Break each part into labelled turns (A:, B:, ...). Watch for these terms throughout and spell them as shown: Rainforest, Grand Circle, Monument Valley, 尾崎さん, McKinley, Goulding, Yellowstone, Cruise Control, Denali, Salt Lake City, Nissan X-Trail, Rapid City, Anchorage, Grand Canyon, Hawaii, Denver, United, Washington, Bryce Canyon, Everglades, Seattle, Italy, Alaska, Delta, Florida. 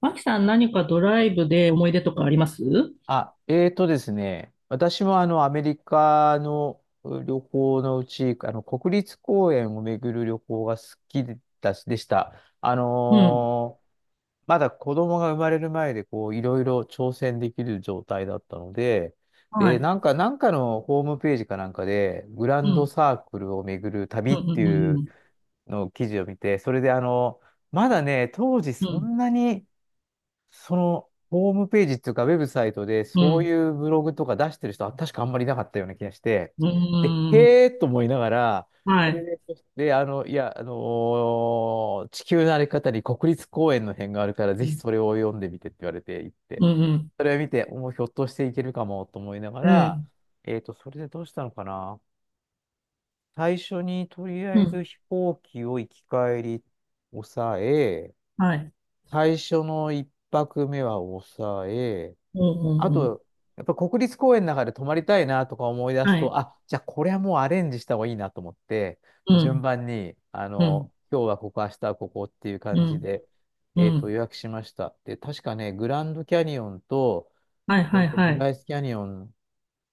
A: マキさん、何かドライブで思い出とかあります
B: あ、ですね、私もあのアメリカのう旅行のうち、あの国立公園を巡る旅行が好きでたし、でした。あ
A: うん。
B: のーまだ子供が生まれる前でこういろいろ挑戦できる状態だったので、
A: は
B: で、
A: い。
B: なんかのホームページかなんかで、グラ
A: う
B: ンド
A: ん。
B: サークルを巡る旅
A: うん。
B: っ
A: う
B: てい
A: んう
B: う
A: ん。
B: のを記事を見て、それであの、まだね、当時
A: う
B: そ
A: ん。
B: んなにその、ホームページっていうか、ウェブサイトで、
A: う
B: そう
A: ん。
B: いうブログとか出してる人は、確かあんまりいなかったような気がして、
A: う
B: で、
A: ん。
B: へーと思いながら、そ
A: は
B: れ
A: い。
B: で、で、あの、いや、地球の歩き方に国立公園の辺があるから、
A: う
B: ぜひ
A: ん。
B: それを読んでみてって言われて行って、
A: うん。
B: それを見て、もうひょっとしていけるかもと思いなが
A: う
B: ら、
A: ん。
B: それでどうしたのかな。最初に、とりあ
A: う
B: えず
A: ん。
B: 飛行機を行き帰り抑え、
A: はい。
B: 最初の一泊目は抑え、
A: う
B: あ
A: ん。うん。
B: と、やっぱ国立公園の中で泊まりたいなとか思い出
A: うん
B: す
A: はい。
B: と、あ、じゃあこれはもうアレンジした方がいいなと思って、
A: う
B: 順
A: ん。
B: 番に、あ
A: うん。
B: の、今日はここ、明日はここっていう
A: う
B: 感じ
A: ん。
B: で、
A: うん。
B: 予約しました。で、確かね、グランドキャニオンと、
A: はい。はい。は
B: ブ
A: い。
B: ライスキャニオン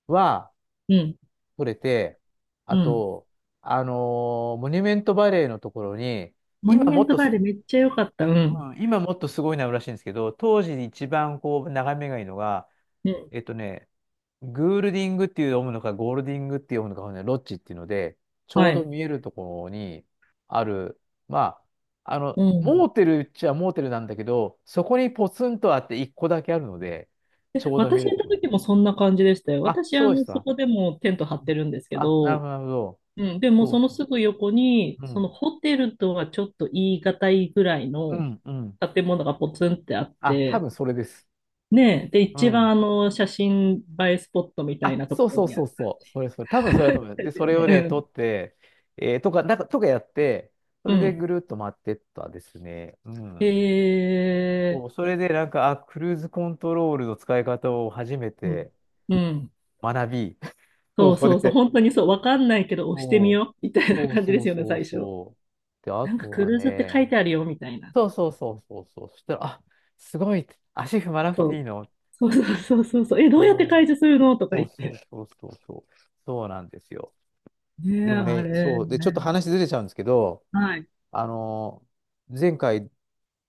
B: は
A: うん。
B: 取れて、あ
A: うん。
B: と、あのモニュメントバレーのところに、
A: モニュ
B: 今
A: メ
B: も
A: ン
B: っ
A: ト
B: と
A: バレーめっちゃ良かった。うん。
B: うん、今もっとすごいのあるらしいんですけど、当時一番こう眺めがいいのが、
A: うん。
B: ね、グールディングっていう読むのか、ゴールディングって読むのか、ね、ロッジっていうので、ちょ
A: は
B: うど
A: い。
B: 見えるところにある、まあ、あの、
A: う
B: モ
A: ん。
B: ーテルっちゃモーテルなんだけど、そこにポツンとあって一個だけあるので、
A: え、
B: ちょうど見え
A: 私
B: る
A: 行っ
B: と
A: た
B: ころに。
A: 時もそんな感じでしたよ。
B: あ、
A: 私、
B: そ
A: あ
B: うでし
A: の、そ
B: た。
A: こでもテント
B: う
A: 張って
B: ん、
A: るんですけ
B: あ、なる
A: ど、
B: ほど、なるほど。
A: うん、でも
B: そ
A: そ
B: う
A: の
B: そ
A: すぐ横に、
B: う。う
A: その
B: ん。
A: ホテルとはちょっと言い難いぐらい
B: う
A: の
B: ん、うん。
A: 建物がポツンってあっ
B: あ、多
A: て、
B: 分それです。
A: ねえ、で、
B: う
A: 一番
B: ん。
A: あの写真映えスポットみたい
B: あ、
A: なと
B: そ
A: こ
B: う
A: ろ
B: そう
A: にあ
B: そうそう。それそれ。多分それだと
A: る
B: 思
A: ん
B: う。で、
A: です
B: そ
A: よ
B: れ
A: ね。
B: を
A: う
B: ね、取
A: ん。
B: って、えーとか、なんか、とかやって、そ
A: う
B: れで
A: ん。
B: ぐるっと回ってったですね。うん。そ
A: え
B: う、それでなんか、あ、クルーズコントロールの使い方を初め
A: ー、う
B: て
A: ん。うん。
B: 学び、こ
A: そう
B: こ
A: そうそう、
B: で。
A: 本当にそう、わかんないけど押して
B: そ
A: み
B: う、
A: よう、みたいな
B: そう
A: 感じで
B: そう
A: すよね、
B: そう
A: 最初。
B: そう。で、あ
A: なんか
B: と
A: ク
B: は
A: ルーズって書い
B: ね、
A: てあるよ、みたいな。
B: そうそうそうそうそう。そしたら、あ、すごい、足踏まなく
A: そ
B: ていい
A: う。
B: の。
A: そうそうそうそうそう。え、どうやって
B: おう、
A: 解除するのとか
B: そ
A: 言
B: う
A: っ
B: そう
A: て。
B: そうそうそう。そうなんですよ。
A: ね
B: で
A: え、
B: も
A: あ
B: ね、
A: れ
B: そう。で、ちょっと
A: ね。
B: 話ずれちゃうんですけど、
A: はい。
B: あの、前回、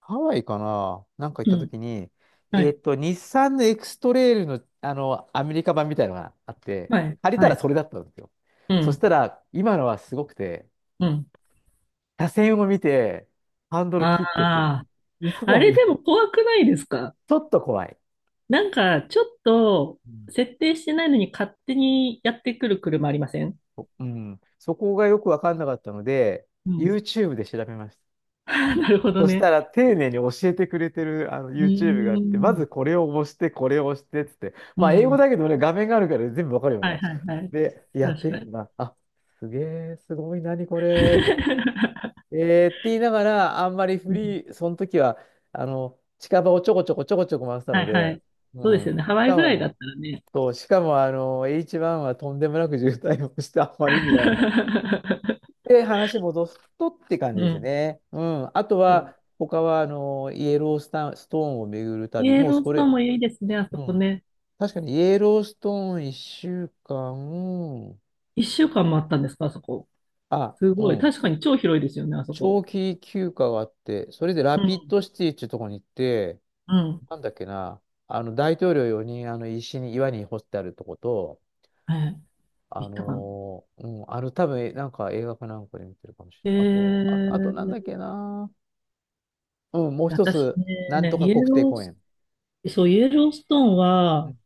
B: ハワイかななんか行っ
A: う
B: た
A: ん。
B: 時に、
A: はい。
B: 日産のエクストレイルの、あの、アメリカ版みたいなのがあって、
A: はい、
B: 借りた
A: は
B: ら
A: い。
B: それだったんですよ。
A: う
B: そし
A: ん、
B: たら、今のはすごくて、
A: うん。
B: 車線を見て、ハンドル
A: あ
B: 切ってく、
A: あ、あ
B: 嘘み
A: れ
B: た
A: で
B: いな。
A: も怖くないですか？
B: ちょっと怖い。
A: なんか、ちょっと、
B: うん。
A: 設定してないのに勝手にやってくる車ありません？
B: うん、そこがよくわかんなかったので、
A: うん。
B: YouTube で調べました。
A: あなるほど
B: そした
A: ね。
B: ら丁寧に教えてくれてるあの
A: う
B: YouTube があっ
A: ー
B: て、ま
A: ん。
B: ずこれを押して、これを押してっつって、
A: う
B: まあ英語
A: ん。
B: だけどね、画面があるから全部わかるよ
A: はい
B: ね。
A: はいはい。
B: で、やっ
A: 確
B: て
A: か
B: みて
A: に。
B: な、あ、すげえ、すごい、何これ、と。えーって言いながら、あんまりフ
A: うん。
B: リー、その時は、あの、近場をちょこちょこちょこちょこ回ってた
A: は
B: の
A: いは
B: で、
A: い。
B: う
A: そうで
B: ん。
A: す
B: し
A: よね。ハワイ
B: か
A: ぐらいだっ
B: も、
A: たらね。
B: そう、しかも、あの、H1 はとんでもなく渋滞をして、あんまり意味がなか で、話戻すとって感じで
A: う
B: す
A: ん。
B: ね。うん。あとは、他は、あの、イエロースタン、ストーンを巡る
A: イ
B: 旅。
A: エ
B: もう
A: ロー
B: そ
A: ストー
B: れ、
A: ンもいいですね、あそ
B: う
A: こ
B: ん。
A: ね。
B: 確かに、イエローストーン1週間、
A: 1週間もあったんですか、あそこ？
B: あ、
A: す
B: う
A: ごい。
B: ん。
A: 確かに超広いですよね、あそこ。
B: 長期休暇があって、それでラ
A: う
B: ピッ
A: ん
B: ドシティっていうところに行って、
A: うん。
B: なんだっけな、あの、大統領用にん、あの、石に、岩に掘ってあるとこと、
A: ええ、行ったかな。
B: うん、あの、多分、なんか映画かなんかで見てるかもしれ
A: え
B: ない。あと、あ、あとなんだっ
A: え、
B: けな、うん、もう一
A: 私
B: つ、なん
A: ね、
B: とか
A: イエ
B: 国定
A: ロー
B: 公
A: ス、
B: 園。
A: そう、イエローストーン
B: う
A: は、
B: ん、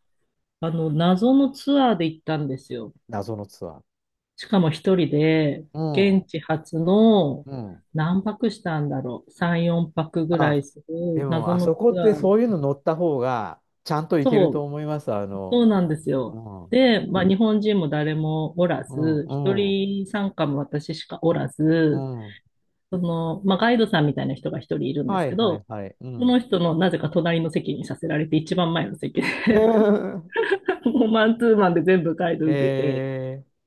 A: あの、謎のツアーで行ったんですよ。
B: 謎のツアー。
A: しかも一人で、
B: う
A: 現
B: ん。
A: 地初の、
B: うん。
A: 何泊したんだろう。3、4泊ぐら
B: あ、
A: いす
B: で
A: る
B: も、
A: 謎
B: あそ
A: の
B: こっ
A: ツ
B: て
A: アー。
B: そういうの乗った方が、ちゃんと行けると
A: そう、
B: 思います。あ
A: そ
B: の、
A: うなんです
B: う
A: よ。
B: ん、う
A: で、まあ、日本人も誰もおら
B: ん、
A: ず、一
B: うん、
A: 人参加も私しかおら
B: う
A: ず、
B: ん。
A: その、まあ、ガイドさんみたいな人が一人いるんで
B: は
A: す
B: い、
A: け
B: はい、
A: ど、
B: はい。う
A: そ
B: ん。
A: の人のなぜか隣の席にさせられて、一番前の席で もうマンツーマンで全部ガイド受けて、
B: え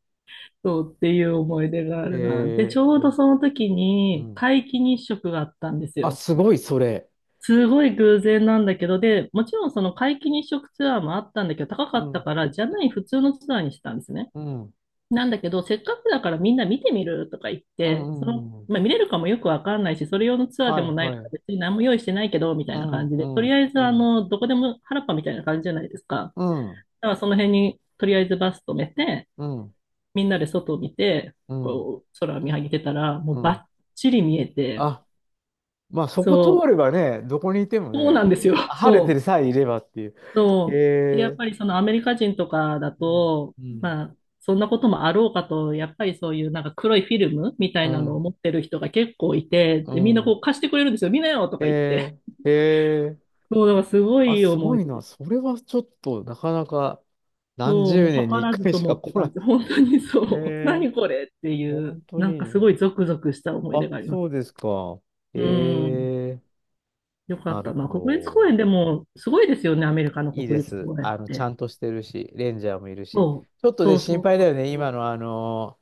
A: そうっていう思い出があ
B: ー、
A: るな。で、
B: え
A: ちょう
B: ー、
A: どその時
B: う
A: に
B: ん。
A: 皆既日食があったんです
B: あ、
A: よ。
B: すごい、それ。
A: すごい偶然なんだけど、で、もちろんその皆既日食ツアーもあったんだけど、高か
B: う
A: った
B: ん、
A: から、じゃない普通のツアーにしたんですね。
B: うん、
A: なんだけど、せっかくだからみんな見てみるとか言っ
B: う
A: て、その、
B: ん、うん。
A: まあ、見れるかもよくわかんないし、それ用のツアーで
B: は
A: も
B: い、
A: ないか
B: は
A: ら
B: い。
A: 別に何も用意してないけど、みたい
B: う
A: な感
B: ん、
A: じ
B: う
A: で、とり
B: ん、
A: あえず
B: う
A: あ
B: ん、
A: の、どこでも原っぱみたいな感じじゃないですか。
B: うん、
A: だからその辺にとりあえずバス止めて、
B: うん、
A: みんなで外を見て、
B: うん。
A: こう、空を見上げてたら、も
B: う
A: う
B: ん、
A: バッチリ見えて、
B: あ、まあそこ通
A: そ
B: ればね、どこにいても
A: う、そうな
B: ね、
A: んですよ。
B: 晴れて
A: そ
B: る
A: う。
B: さえいればっていう。
A: そう。でや
B: へ
A: っ
B: え、
A: ぱりそのアメリカ人とかだ
B: うん、
A: と、
B: うん、
A: まあ、そんなこともあろうかと、やっぱりそういうなんか黒いフィルムみた
B: う
A: いなのを
B: ん、
A: 持ってる人が結構いて、
B: う
A: で、みんなこ
B: ん。
A: う貸してくれるんですよ。見なよと
B: へ
A: か言って。
B: え、へえ、
A: そう、だからすご
B: あ、
A: い
B: す
A: 思
B: ご
A: い
B: い
A: 出で
B: な。
A: す。
B: それはちょっとなかなか
A: そ
B: 何
A: う、も
B: 十
A: う
B: 年に
A: 図
B: 一
A: らず
B: 回
A: と
B: し
A: も
B: か
A: って
B: 来ない。
A: 感じ。本当に
B: へ
A: そう。
B: え、
A: 何これってい
B: 本
A: う、
B: 当
A: なんかす
B: に。
A: ごいゾクゾクした思い出
B: あ、
A: があります。
B: そうですか。
A: うん。
B: へえ、
A: よか
B: な
A: っ
B: る
A: たな。
B: ほ
A: 国立公
B: ど。
A: 園でもすごいですよね。アメリカの
B: いいで
A: 国立
B: す。
A: 公園っ
B: あの、ちゃ
A: て。
B: んとしてるし、レンジャーもいるし。
A: そう。
B: ちょっと
A: そ
B: ね、
A: う
B: 心
A: そう
B: 配だ
A: そ
B: よ
A: う
B: ね。
A: そ
B: 今
A: う。
B: のあの、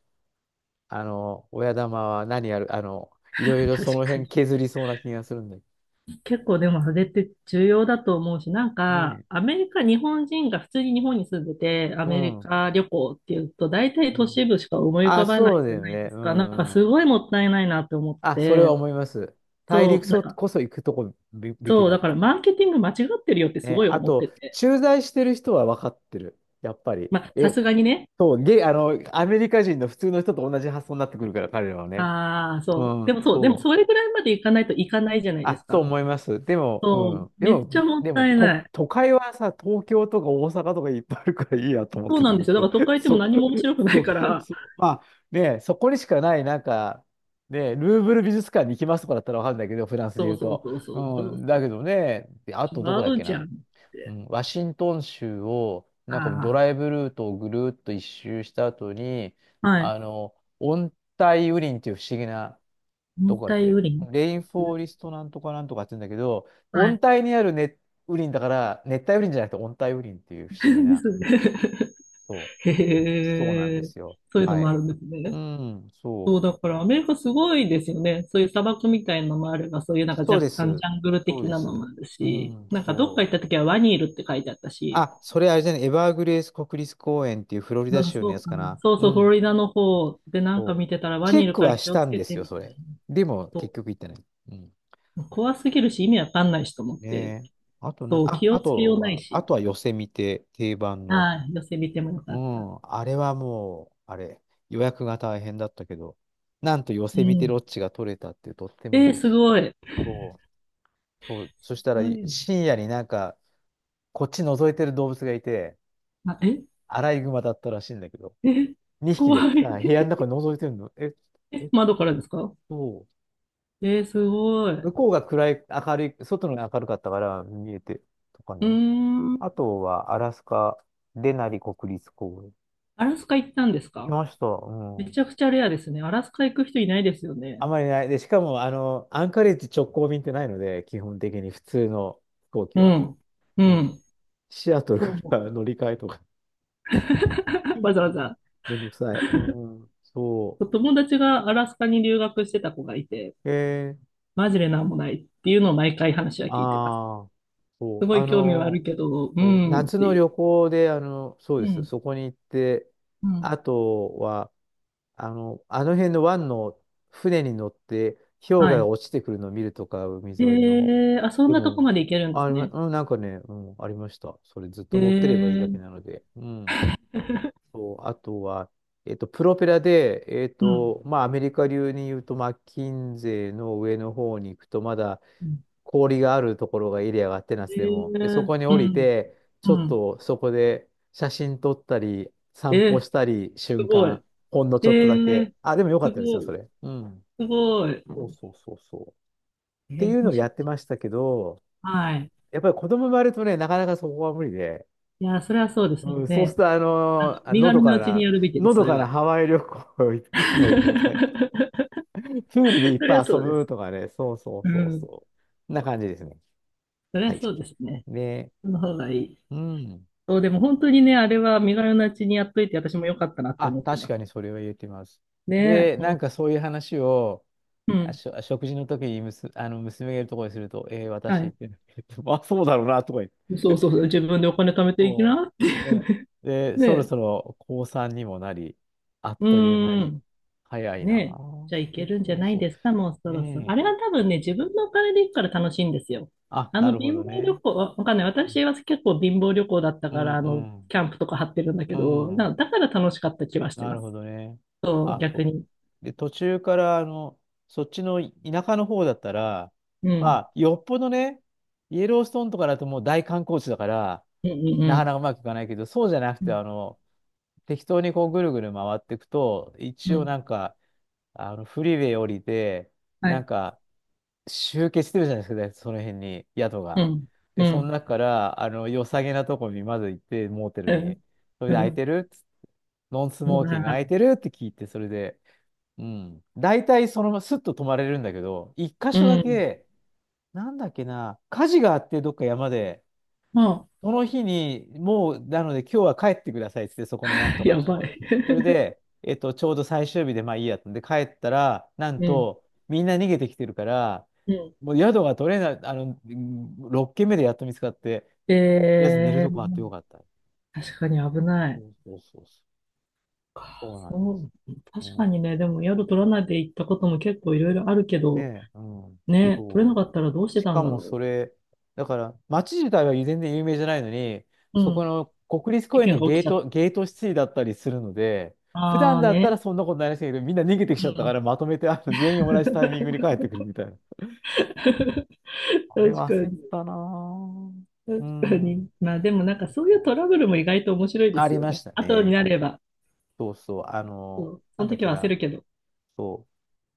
B: あの、親玉は何やる、あの、いろい ろそ
A: 確
B: の
A: か
B: 辺
A: に。
B: 削りそうな気がするんだけ
A: 結構でもそれって重要だと思うし、なん
B: ど
A: か、
B: ね。
A: アメリカ、日本人が普通に日本に住んでて、ア
B: う
A: メリ
B: ん。
A: カ旅行っていうと、大体
B: う
A: 都市
B: ん、
A: 部しか思い浮
B: あ、
A: かばな
B: そ
A: い
B: うだ
A: じゃ
B: よ
A: ない
B: ね。
A: で
B: う
A: すか。なんか
B: んう
A: す
B: ん。
A: ごいもったいないなって思って
B: あ、それは
A: て、
B: 思います。大陸
A: そう、なん
B: そ
A: か、
B: こそ行くとこべべき
A: そう、
B: だっ
A: だから
B: て。
A: マーケティング間違ってるよってす
B: ね、
A: ごい
B: あ
A: 思って
B: と、
A: て。
B: 駐在してる人は分かってる。やっぱり。
A: まあ、さ
B: え、
A: すがにね。
B: そう、ゲ、あの、アメリカ人の普通の人と同じ発想になってくるから、彼らはね。
A: ああ、
B: う
A: そう。で
B: ん、
A: もそう、でも
B: そう。
A: それぐらいまでいかないといかないじゃない
B: あ、
A: です
B: と
A: か。
B: 思います。でも、う
A: そう、
B: ん。で
A: めっちゃ
B: も、
A: もっ
B: でも、
A: たいな
B: と、
A: い。
B: 都会はさ、東京とか大阪とかいっぱいあるからいいやと思っ
A: そう
B: てて、
A: なんですよ。
B: 僕
A: だか
B: は。
A: ら都 会行っても
B: そう、
A: 何も面白くな
B: そ
A: いか
B: う、
A: ら。
B: そう。まあ、ね、そこにしかない、なんか、ね、ルーブル美術館に行きますとかだったらわかるんだけど、フランスで
A: そ
B: 言
A: う
B: う
A: そう
B: と。
A: そうそう
B: う
A: そう
B: ん、
A: そ
B: だ
A: う。
B: けどね、であ
A: 違
B: とどこだっ
A: う
B: け
A: じゃん
B: な。
A: っ
B: う
A: て。
B: ん、ワシントン州を、なんかド
A: あ
B: ライブルートをぐるーっと一周した後に、
A: あ、はい。
B: あの、温帯雨林っていう不思議な、ど
A: 温
B: こやって
A: 帯
B: る
A: 雨林。
B: レインフォーリストなんとかなんとかって言うんだけど、
A: は
B: 温
A: い。
B: 帯にある熱雨林だから、熱帯雨林じゃなくて温帯雨林っていう 不思議
A: で
B: な、
A: すね。
B: そう、
A: へ
B: そうなん
A: え、
B: ですよ。
A: そういうの
B: は
A: もあ
B: い。
A: るんです
B: う
A: ね。
B: ん、そ
A: そう、
B: う。
A: だからアメリカすごいですよね。そういう砂漠みたいなのもあれば、そういうなんか
B: そう
A: 若
B: で
A: 干ジ
B: す。
A: ャングル
B: そう
A: 的
B: で
A: なのもあ
B: す。
A: る
B: う
A: し、
B: ん、
A: なんかどっか
B: そ
A: 行っ
B: う。
A: た時はワニいるって書いてあったし、
B: あ、それあれじゃない、エバーグレース国立公園っていうフロリダ
A: なんか
B: 州の
A: そ
B: や
A: う
B: つ
A: か
B: か
A: な。
B: な。
A: そう
B: う
A: そう、フロ
B: ん、
A: リダの方でなん
B: そ
A: か
B: う。
A: 見てたらワ
B: チェ
A: ニ
B: ッ
A: いる
B: ク
A: から
B: はし
A: 気を
B: た
A: つ
B: ん
A: け
B: です
A: て
B: よ、
A: み
B: そ
A: たいな。
B: れ。でも、結
A: そ
B: 局行ってない。うん。
A: う怖すぎるし意味わかんないしと思って、
B: ねえ。あとな、
A: そう、
B: あ、
A: 気を
B: あ
A: つけよう
B: と
A: ない
B: は、あ
A: し。
B: とは寄せ見て、定番の。
A: はい寄せ見てもよ
B: う
A: かった。
B: ん、あれはもう、あれ、予約が大変だったけど、なんと寄
A: う
B: せ見てロ
A: ん。
B: ッチが取れたってとっても
A: えー、
B: 嬉
A: す
B: しい。
A: ごい。
B: そう、そう、そしたら
A: 怖
B: い
A: い。
B: 深夜になんか、こっち覗いてる動物がいて、
A: あ、え
B: アライグマだったらしいんだけど、
A: え
B: 2匹
A: 怖
B: で
A: い。
B: さ、部屋の中覗いてるの。え、え
A: え
B: っ
A: 窓からですか？
B: と、
A: えー、すごい。
B: 向
A: う
B: こうが暗い、明るい、外のが明るかったから見えて、とか
A: ー
B: ね。
A: ん。
B: あとはアラスカ、デナリ国立公園。
A: アラスカ行ったんです
B: 行き
A: か？
B: ました。
A: め
B: うん。
A: ちゃくちゃレアですね。アラスカ行く人いないですよね。
B: あまりない。で、しかも、あの、アンカレッジ直行便ってないので、基本的に普通の飛行機
A: う
B: は。
A: ん。う
B: うん。
A: ん。
B: シアトル
A: そう
B: から
A: 思
B: 乗り換えとか
A: う わざわ ざ。
B: めんどくさい。うん。そ
A: 友達がアラスカに留学してた子がいて、
B: う。
A: マジでなんもないっていうのを毎回話は聞いてます。
B: ああ、そ
A: す
B: う。
A: ごい興味はあるけど、うー
B: そう
A: んっ
B: 夏
A: て
B: の
A: いう。
B: 旅行で、そう
A: う
B: です。
A: ん。
B: そこに行って、
A: うん。
B: あとは、あの、あの辺の湾の船に乗って、氷河
A: は
B: が
A: い。
B: 落ちてくるのを見るとか、海沿
A: へ
B: いの。
A: え、あ、そん
B: で
A: なとこ
B: も、
A: まで行けるんで
B: あ、
A: す
B: りま
A: ね。
B: うん、なんかね、うん、ありました。それずっ
A: へ
B: と乗ってればいいだ
A: え、
B: けなので。うん。と、あとは、プロペラで、
A: うん。う
B: まあ、アメリカ流に言うと、マッキンゼーの上の方に行くと、まだ
A: ん。
B: 氷があるところがエリアがあってナ
A: へ
B: スで
A: え、
B: も。で、そこに
A: う
B: 降り
A: ん。
B: て、
A: う
B: ちょっ
A: ん。
B: とそこで写真撮ったり、
A: え
B: 散歩
A: ー、
B: したり、
A: す
B: 瞬
A: ごい。
B: 間、ほんの
A: え
B: ちょっとだけ。
A: ー、
B: あ、でもよかっ
A: す
B: たですよ、
A: ご
B: そ
A: い。
B: れ。うん。
A: すごい。
B: そうそうそうそう。っ
A: え
B: てい
A: ー、
B: うの
A: 面
B: をや
A: 白
B: って
A: い。
B: ましたけど、
A: はい。
B: やっぱり子供生まれるとね、なかなかそこは無理で、
A: いや、それはそうです
B: うん、そうする
A: ね。
B: と、
A: あの、
B: あ
A: 身
B: のど
A: 軽な
B: か
A: うちに
B: な、
A: やるべきで
B: の
A: す、そ
B: ど
A: れ
B: かな
A: は。
B: ハワイ旅行、 いつも行くみたいな。プールでいっ
A: それ
B: ぱ
A: は
B: い遊
A: そうで
B: ぶ
A: す。
B: とかね、そうそう
A: う
B: そう
A: ん。
B: そう。な感じですね。
A: それは
B: はい。
A: そうですね。
B: で、
A: その方がいい。
B: うん。
A: そう、でも本当にね、あれは身軽なうちにやっといて、私も良かったなって
B: あ、
A: 思って
B: 確
A: ます。
B: かにそれは言えてます。
A: ね、
B: で、
A: ほ
B: なん
A: ん、
B: かそういう話を、
A: うん。
B: 食事の時にあの娘がいるところにすると、
A: は
B: 私っ
A: い。
B: て、あ、そうだろうな、とか。
A: そうそうそう、自分でお金貯めていき
B: そ
A: な。
B: う。で、で、そろ
A: ね、
B: そろ高3にもなり、あっ
A: う
B: という間
A: ー
B: に。
A: ん、
B: 早いなあ。
A: ねえ、じゃあい
B: そ
A: け
B: う
A: るんじゃ
B: そう
A: ない
B: そ
A: ですか、もう
B: う。
A: そろそろ。
B: ねえ。
A: あれは多分ね、自分のお金で行くから楽しいんですよ。
B: あ、
A: あ
B: な
A: の
B: るほ
A: 貧
B: ど
A: 乏旅
B: ね。
A: 行、わかんない。
B: う
A: 私
B: ん
A: は結構貧乏旅行だった
B: う
A: か
B: ん
A: ら、あの、キャンプとか張ってるんだ
B: う
A: け
B: ん。
A: ど、
B: う
A: だ
B: ん、
A: だから楽しかった気はして
B: なる
A: ま
B: ほ
A: す。
B: どね。
A: そう、
B: あ、そ
A: 逆
B: う
A: に。
B: で、途中から、あの、そっちの田舎の方だったら、
A: う
B: ま
A: ん。
B: あ、よっぽどね、イエローストーンとかだともう大観光地だから、
A: うんうんう
B: なか
A: ん。
B: なかうまくいかないけど、そうじゃなく
A: う
B: て、
A: ん。
B: あの、適当にこうぐるぐる回っていくと、
A: う
B: 一応
A: ん
B: なんか、あの、フリーウェイ降りて、
A: は
B: なん
A: い。
B: か、集結してるじゃないですか、その辺に、宿
A: う
B: が。
A: ん。う
B: で、その
A: ん。
B: 中から、あの、良さげなとこにまず行って、モーテ
A: う
B: ルに。
A: ん。
B: それ
A: う
B: で、空い
A: ん。
B: てるノンス
A: う
B: モーキング空い
A: ん。
B: てるって聞いて、それで、うん。大体、そのままスッと泊まれるんだけど、一箇
A: う
B: 所だ
A: ん。
B: け、なんだっけな、火事があって、どっか山で、
A: あ、
B: その日に、もう、なので、今日は帰ってくださいっつって、そこのなんとか
A: や
B: と
A: ばい。
B: こ。それで、ちょうど最終日で、まあいいやってんで、帰ったら、なん
A: うん。
B: と、みんな逃げてきてるから、
A: うん。
B: もう宿が取れない、あの、6軒目でやっと見つかって、と
A: え
B: りあえず寝るとこあって
A: ー
B: よかった。
A: 確かに危な
B: そ
A: い。
B: うそうそうそう。
A: か
B: そうなん
A: そ
B: です。
A: う。
B: う
A: 確か
B: ん、
A: にね、でも宿取らないで行ったことも結構いろいろあるけど、
B: ねえ、うん、
A: ね、取れな
B: そ
A: か
B: う。
A: ったらどうして
B: し
A: たん
B: か
A: だ
B: も
A: ろ
B: それ、だから、街自体は全然有名じゃないのに、
A: う。う
B: そこ
A: ん。
B: の国立
A: 事
B: 公園
A: 件
B: の
A: が起きちゃった。
B: ゲートシティだったりするので、普
A: あ
B: 段
A: あ
B: だった
A: ね。
B: らそんなことないらしいけど、みんな逃げてき
A: う
B: ちゃったか
A: ん。
B: ら、まとめてあの全員同じタイミングに帰ってくるみたいな。あれ
A: 確
B: は
A: か
B: 焦っ
A: に。
B: たなぁ。う
A: 確か
B: ん。
A: に。まあでもなんか
B: そ
A: そういう
B: う
A: トラブルも意外と面白いで
B: あ
A: す
B: り
A: よ
B: ま
A: ね。
B: した
A: 後に
B: ね。
A: なれば。
B: そうそう。あ
A: そ
B: の、
A: う。そ
B: なん
A: の
B: だっ
A: 時
B: け
A: は焦
B: な。
A: るけど。
B: そう。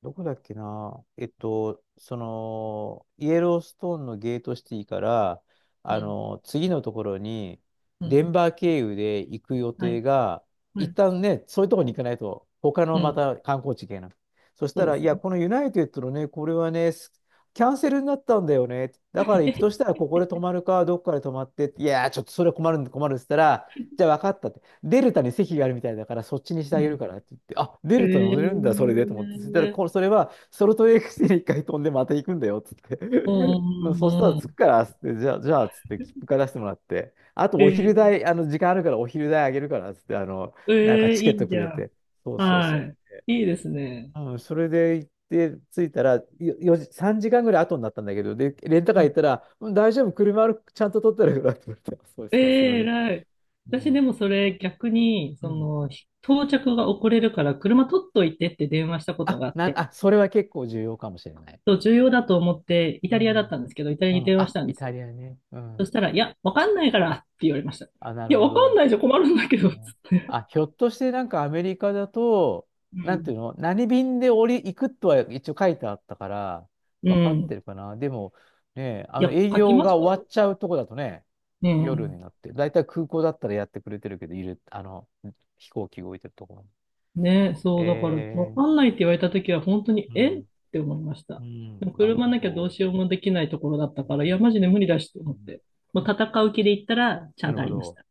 B: どこだっけな。その、イエローストーンのゲートシティから、
A: う
B: あ
A: ん。
B: の、次のところに、
A: う
B: デ
A: ん。
B: ンバー経由で行く予
A: は
B: 定
A: い。
B: が、
A: う
B: 一
A: ん。
B: 旦ね、そういうところに行かないと、他の
A: う
B: ま
A: ん。
B: た観光地行けない。そし
A: そ
B: た
A: うで
B: ら、い
A: す
B: や、
A: ね。
B: このユナイテッドのね、これはね、キャンセルになったんだよね。だから行くとし たら、ここで泊まるか、どっかで泊まって、いや、ちょっとそれ困るって言ったら、じゃあ分かったって。デルタに席があるみたいだから、そっちにして
A: う
B: あげる
A: ん。
B: からって言って、あ、デ
A: へ
B: ルタ乗
A: え
B: れるんだ、それでと思って。そしたら、
A: ー。
B: これ、それは、ソルトレークシティに一回飛んでまた行くんだよ、つって。
A: う
B: まあ、
A: んう
B: そしたら、
A: ん
B: 着
A: う
B: く
A: ん。
B: から、つって、じゃあ、つって、切符から出してもらって、あと、お昼
A: え
B: 代、あの、時間あるから、お昼代あげるから、つって、あの、
A: ー、
B: なんか
A: えー、
B: チケ
A: い
B: ット
A: い
B: く
A: じ
B: れ
A: ゃ
B: て。
A: ん。
B: そうそうそ
A: は
B: う。
A: い。いいですね。
B: うん、それで行って、着いたら、4時、3時間ぐらい後になったんだけど、で、レンタカー行ったら、うん、大丈夫、車ある、ちゃんと取ってあるからって言われて、そうです
A: え
B: か、すいま
A: え
B: せん。
A: 偉い。
B: う
A: 私で
B: ん。
A: もそれ逆に、
B: う
A: そ
B: ん、
A: の、到着が遅れるから車取っといてって電話したことがあって、
B: あ、それは結構重要かもしれない。
A: そう、重要だと思ってイ
B: う
A: タリアだっ
B: ん。
A: たんですけど、イタリア
B: う
A: に
B: ん。
A: 電話し
B: あ、
A: たん
B: イ
A: です
B: タ
A: よ。
B: リアね。う
A: そ
B: ん。
A: したら、いや、わかんないからって言われました。い
B: あ、なる
A: や、
B: ほ
A: わかん
B: ど。
A: ないじゃ困るんだけ
B: う
A: ど、つっ
B: ん、
A: て。
B: あ、ひょっとしてなんかアメリカだと、
A: う
B: なんてい
A: ん。
B: うの、何便で降り、行くとは一応書いてあったから、
A: う
B: 分かって
A: ん。
B: るかな。でも、ね、
A: い
B: あの
A: や、
B: 営
A: 書き
B: 業
A: まし
B: が
A: たよ。
B: 終わっちゃうとこだとね、
A: う
B: 夜
A: ん。
B: になって、だいたい空港だったらやってくれてるけど、いる、あの、飛行機動いてるところ。
A: ね、そう、だから、わ
B: えー、
A: かんないって言われたときは、本当に、
B: う
A: えっ
B: ん、
A: て思いまし
B: う
A: た。でも
B: ん、なる
A: 車
B: ほ
A: なきゃど
B: ど。
A: う
B: う
A: しようもできないところだったから、い
B: ん
A: や、マジで無理だしと
B: う
A: 思っ
B: ん
A: て。もう戦う気で行ったら、ちゃんとありました。